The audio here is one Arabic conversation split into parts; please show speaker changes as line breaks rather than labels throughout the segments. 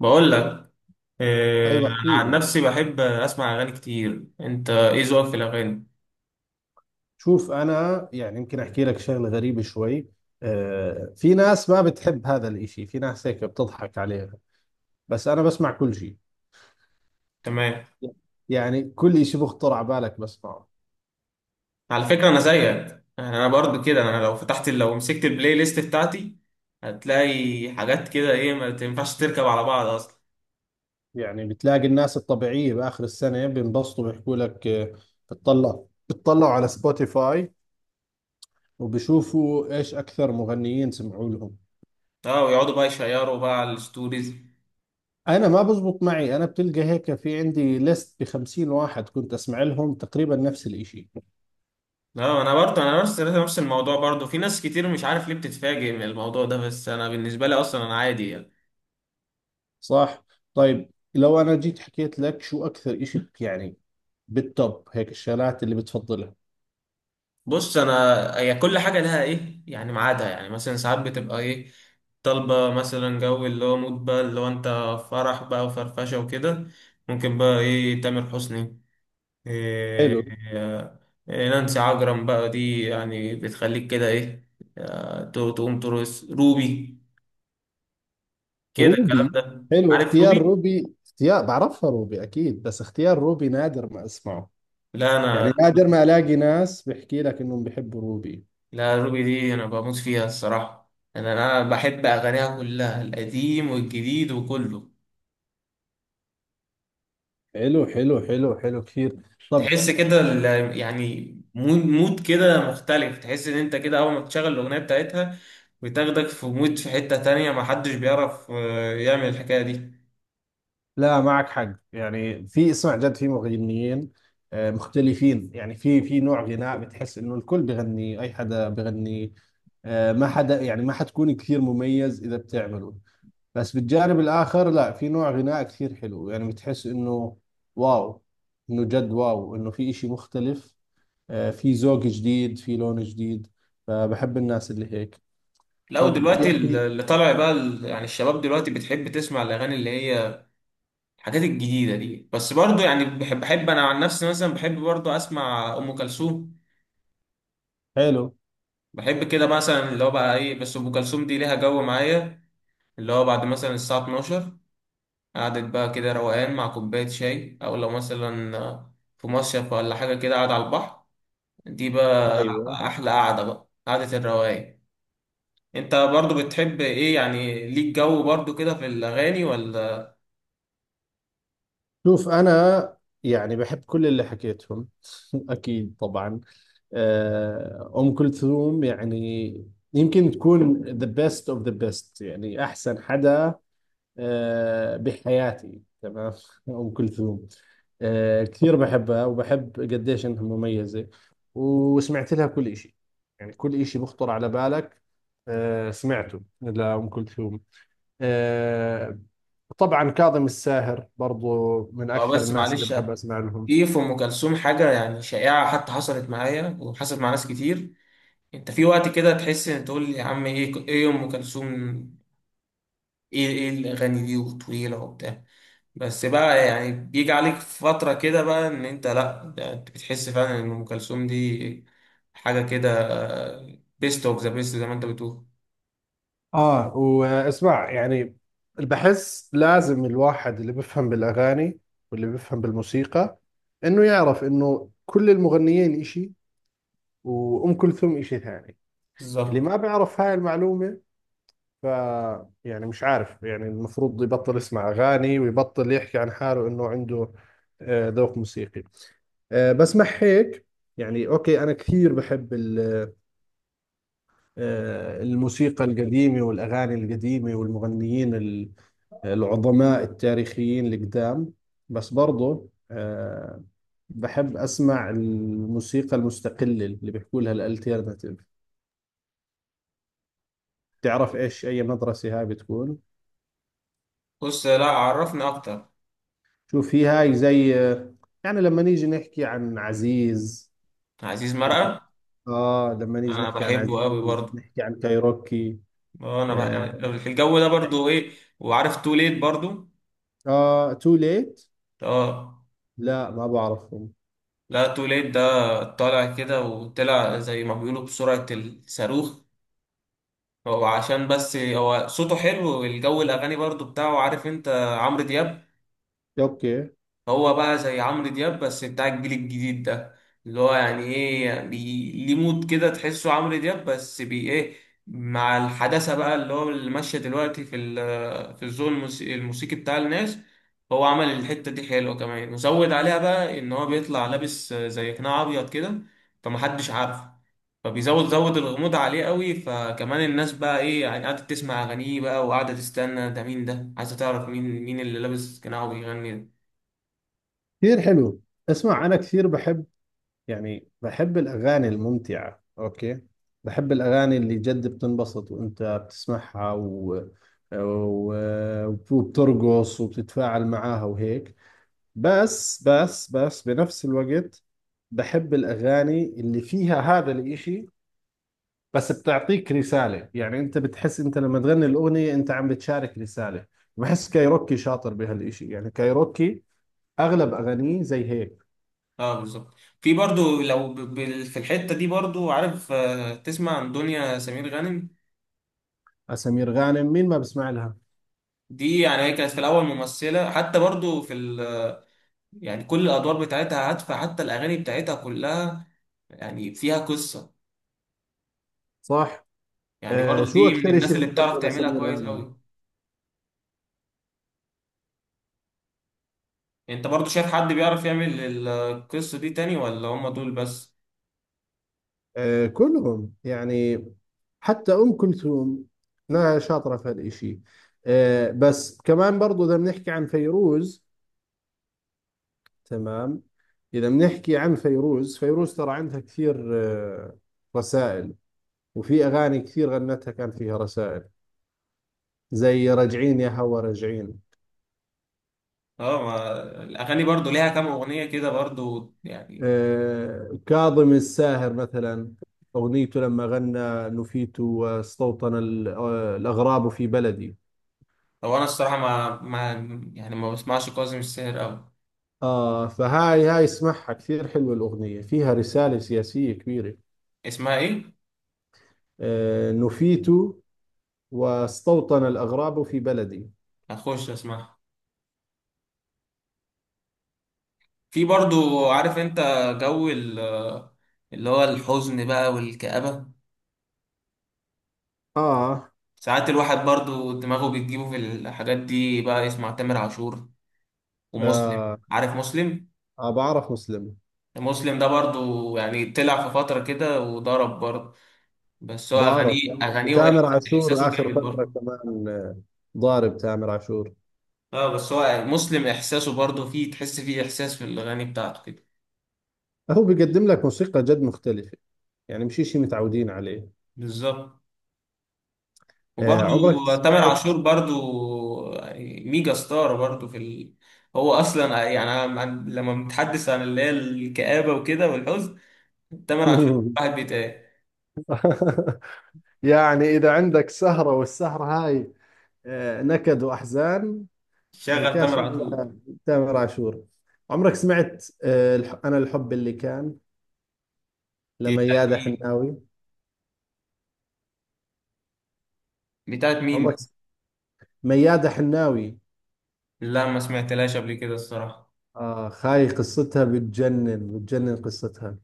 بقول لك. آه،
ايوه
انا
احكي
عن
لي.
نفسي بحب اسمع اغاني كتير. انت ايه ذوقك في الاغاني؟
شوف، انا يعني يمكن احكي لك شغله غريبه شوي. في ناس ما بتحب هذا الاشي، في ناس هيك بتضحك عليها. بس انا بسمع كل شيء،
تمام.
يعني كل اشي بخطر على بالك بسمعه.
على فكره انا زيك، يعني انا برضو كده. انا لو فتحت، لو مسكت البلاي ليست بتاعتي هتلاقي حاجات كده ايه ما تنفعش تركب على بعض اصلا.
يعني بتلاقي الناس الطبيعيه باخر السنه بينبسطوا بيحكوا لك، بتطلعوا على سبوتيفاي وبشوفوا ايش اكثر مغنيين سمعوا لهم.
اه، ويقعدوا بقى يشيروا بقى على الستوريز.
انا ما بزبط معي، انا بتلقى هيك في عندي ليست ب 50 واحد كنت اسمع لهم تقريبا نفس الاشي.
اه انا برضو، انا نفس الموضوع برضو. في ناس كتير مش عارف ليه بتتفاجئ من الموضوع ده، بس انا بالنسبه لي اصلا انا عادي يعني.
صح. طيب لو انا جيت حكيت لك شو اكثر اشي يعني بالتوب هيك الشغلات اللي بتفضلها.
بص انا، هي كل حاجه لها ايه يعني ميعادها. يعني مثلا ساعات بتبقى ايه طالبه مثلا جو اللي هو مود بقى، اللي هو انت فرح بقى وفرفشه وكده، ممكن بقى ايه تامر حسني. إيه،
حلو.
إيه، إيه نانسي عجرم بقى دي يعني بتخليك كده ايه. آه، تقوم ترقص روبي كده. الكلام
روبي.
ده
حلو
عارف،
اختيار
روبي.
روبي، اختيار بعرفها روبي اكيد، بس اختيار روبي نادر ما اسمعه،
لا انا،
يعني نادر ما الاقي ناس بحكي لك انهم بحبوا روبي.
لا روبي دي انا بموت فيها الصراحه. انا، انا بحب اغانيها كلها، القديم والجديد وكله.
حلو حلو حلو حلو كثير. طب.
تحس كده يعني مود مود كده مختلف. تحس ان انت كده اول ما تشغل الاغنيه بتاعتها بتاخدك في مود، في حته تانية ما حدش بيعرف آه، يعمل الحكايه دي.
لا معك حق، يعني في، اسمع جد في مغنيين مختلفين. يعني في نوع غناء بتحس انه الكل بغني، اي حدا بغني ما حدا، يعني ما حتكون كثير مميز اذا بتعمله. بس بالجانب الاخر لا، في نوع غناء كثير حلو، يعني بتحس انه واو، انه جد واو، انه في اشي مختلف، في ذوق جديد في لون جديد، فبحب الناس اللي هيك.
لا
طب
دلوقتي
يا اخي.
اللي طالع بقى يعني الشباب دلوقتي بتحب تسمع الاغاني اللي هي الحاجات الجديده دي، بس برضو يعني بحب انا عن نفسي مثلا بحب برضو اسمع ام كلثوم.
حلو.
بحب كده مثلا اللي هو بقى ايه، بس ام كلثوم دي ليها جو معايا، اللي هو بعد مثلا الساعه 12، قعدة بقى كده روقان مع كوباية شاي، أو لو مثلا في مصيف ولا حاجة كده قاعد على البحر. دي بقى
ايوه.
أحلى قعدة، بقى قعدة الروقان. أنت برضو بتحب إيه؟ يعني ليك جو برضو كده في الأغاني ولا؟
شوف انا يعني بحب كل اللي حكيتهم. اكيد طبعا. ام كلثوم يعني يمكن تكون the best of the best، يعني احسن حدا بحياتي، تمام. أم كلثوم كثير بحبها، وبحب قديش إنها مميزة، وسمعت لها كل إشي. يعني كل إشي بخطر على بالك سمعته لأم كلثوم. آه، طبعا كاظم الساهر برضو من
هو
أكثر
بس
الناس اللي
معلش،
بحب أسمع لهم.
في في أم كلثوم حاجة يعني شائعة حتى، حصلت معايا وحصلت مع ناس كتير. أنت في وقت كده تحس، إن تقول يا عم إيه، إيه أم كلثوم، إيه إيه الأغاني دي وطويلة وبتاع. بس بقى يعني بيجي عليك فترة كده بقى ان انت لا، ده انت بتحس فعلا ان ام كلثوم دي حاجة كده بيست اوف ذا بيست زي ما انت بتقول.
آه، واسمع يعني بحس لازم الواحد اللي بيفهم بالأغاني واللي بيفهم بالموسيقى إنه يعرف إنه كل المغنيين إشي، وأم كلثوم إشي ثاني. اللي
بالظبط.
ما بيعرف هاي المعلومة، ف يعني مش عارف، يعني المفروض يبطل يسمع أغاني ويبطل يحكي عن حاله إنه عنده ذوق موسيقي. بس مع هيك، يعني أوكي، أنا كثير بحب الموسيقى القديمة والأغاني القديمة والمغنيين العظماء التاريخيين القدام. بس برضو بحب أسمع الموسيقى المستقلة اللي بيحكوا لها الالتيرناتيف. تعرف ايش اي مدرسة هاي بتكون؟
بص لا عرفني اكتر.
شوف، هي هاي زي، يعني لما نيجي نحكي عن عزيز،
عزيز
لما
مرقة،
اه لما نيجي
انا
نحكي عن
بحبه قوي
عزيز،
برضه.
نحكي عن كايروكي.
اه انا
اه,
أنا في الجو ده برضه ايه. وعارف تو ليت برضه.
آه تو ليت.
اه.
لا ما بعرفهم.
لا تو ليت ده طالع كده، وطلع زي ما بيقولوا بسرعة الصاروخ. هو عشان بس هو صوته حلو، والجو الاغاني برضه بتاعه عارف انت عمرو دياب.
اوكي.
هو بقى زي عمرو دياب بس بتاع الجيل الجديد ده، اللي هو يعني ايه ليه مود كده تحسه عمرو دياب بس بي ايه، مع الحداثة بقى اللي هو اللي ماشية دلوقتي في في الذوق الموسيقي، الموسيقي بتاع الناس. هو عمل الحتة دي حلوة، كمان وزود عليها بقى ان هو بيطلع لابس زي قناع ابيض كده فمحدش عارفه، زود الغموض عليه قوي. فكمان الناس بقى ايه يعني قاعدة تسمع اغانيه بقى وقاعدة تستنى ده مين، ده عايزة تعرف مين، مين اللي لابس قناع وبيغني ده.
كثير حلو. اسمع، انا كثير بحب، يعني بحب الاغاني الممتعة، اوكي؟ بحب الاغاني اللي جد بتنبسط وانت بتسمعها و... وبترقص وبتتفاعل معاها وهيك. بس بنفس الوقت بحب الأغاني اللي فيها هذا الإشي، بس بتعطيك رسالة، يعني أنت بتحس أنت لما تغني الأغنية أنت عم بتشارك رسالة. بحس كايروكي شاطر بهالإشي، يعني كايروكي أغلب أغانيه زي هيك.
اه بالظبط. في برضو لو في الحتة دي برضو عارف آه، تسمع عن دنيا سمير غانم.
سمير غانم، مين ما بسمع لها؟
دي يعني هي كانت في الأول ممثلة حتى برضو في يعني كل الأدوار بتاعتها هادفة، حتى الأغاني بتاعتها كلها يعني فيها قصة.
صح.
يعني
آه،
برضو
شو
دي من
أكثر
الناس
إشي
اللي بتعرف
بتحبه
تعملها
لسمير
كويس
غانم؟
أوي. أنت برضو شايف حد بيعرف يعمل القصة دي تاني ولا هم دول بس؟
آه، كلهم يعني. حتى أم كلثوم لا، شاطرة في هالإشي. بس كمان برضو إذا بنحكي عن فيروز، تمام؟ إذا بنحكي عن فيروز، فيروز ترى عندها كثير رسائل، وفي أغاني كثير غنتها كان فيها رسائل، زي راجعين يا هوا راجعين.
اه ما الأغاني برضو ليها كام أغنية كده برضو يعني.
كاظم الساهر مثلا أغنيته لما غنى نفيت واستوطن الأغراب في بلدي.
هو أنا الصراحة ما يعني ما بسمعش كاظم الساهر أوي.
آه فهاي، هاي اسمعها، كثير حلوة الأغنية، فيها رسالة سياسية كبيرة.
اسمها إيه؟
آه، نفيت واستوطن الأغراب في بلدي.
هخش اسمعها. في برضو عارف انت جو اللي هو الحزن بقى والكآبة.
آه,
ساعات الواحد برضو دماغه بتجيبه في الحاجات دي، بقى يسمع تامر عاشور ومسلم.
آه.
عارف مسلم؟
آه بعرف مسلم.
مسلم ده برضو يعني طلع في فترة كده وضرب برضو، بس هو
بعرف، بعرف
أغانيه
تامر عاشور
وإحساسه
آخر
جامد
فترة
برضو.
كمان، ضارب تامر عاشور.
اه بس هو مسلم إحساسه برضو فيه، تحس فيه إحساس في الأغاني بتاعته كده.
هو بيقدم لك موسيقى جد مختلفة، يعني مش شيء متعودين عليه.
بالظبط.
آه
وبرضه
عمرك
تامر
سمعت؟
عاشور برضه ميجا ستار برضه في هو اصلا يعني أنا لما بنتحدث عن اللي هي الكآبة وكده والحزن، تامر عاشور واحد بيتهيألي
يعني إذا عندك سهرة والسهرة هاي نكد وأحزان،
شغل
ملكاش
تامر عاشور.
إلا تامر عاشور. عمرك سمعت آه أنا الحب اللي كان
دي بتاعت
لميادة
مين؟
حناوي؟
بتاعت مين دي؟
عمرك س- ميادة حناوي.
لا ما سمعتلهاش قبل كده الصراحة.
آه خاي، قصتها بتجنن، بتجنن قصتها.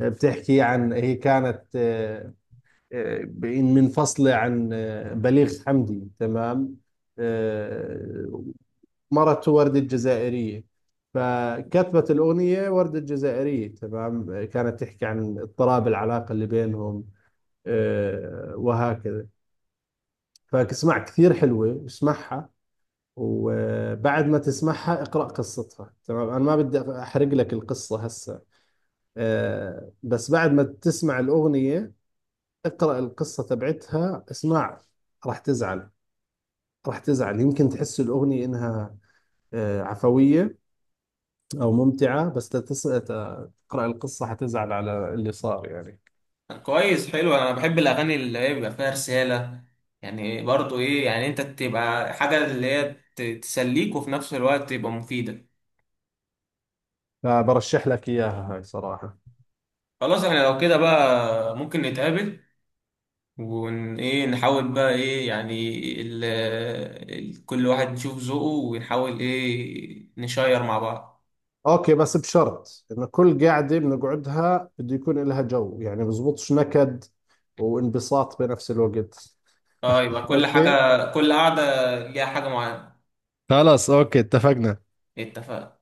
بتحكي عن، هي كانت آه، منفصلة عن آه، بليغ حمدي، تمام؟ آه، مرته وردة جزائرية، فكتبت الأغنية وردة جزائرية، تمام؟ كانت تحكي عن اضطراب العلاقة اللي بينهم، وهكذا. فاسمع، كثير حلوة، اسمعها، وبعد ما تسمعها اقرأ قصتها، تمام؟ أنا ما بدي أحرق لك القصة هسه. بس بعد ما تسمع الأغنية اقرأ القصة تبعتها. اسمع، راح تزعل، راح تزعل. يمكن تحس الأغنية إنها عفوية أو ممتعة، بس تقرأ القصة حتزعل على اللي صار يعني.
كويس حلو، انا بحب الاغاني اللي هي بيبقى فيها رسالة. يعني برضه ايه يعني انت تبقى حاجة اللي هي تسليك، وفي نفس الوقت تبقى مفيدة.
فبرشح لك إياها هاي صراحة.
خلاص احنا لو كده بقى ممكن نتقابل ون ايه نحاول بقى ايه يعني ال... كل واحد يشوف ذوقه ونحاول ايه نشير مع بعض.
أوكي، بس بشرط إنه كل قاعدة بنقعدها بده يكون لها جو، يعني بزبطش نكد وانبساط بنفس الوقت.
اه يبقى كل
أوكي.
حاجة، كل قعدة ليها حاجة معينة.
خلاص اوكي اتفقنا.
اتفقنا.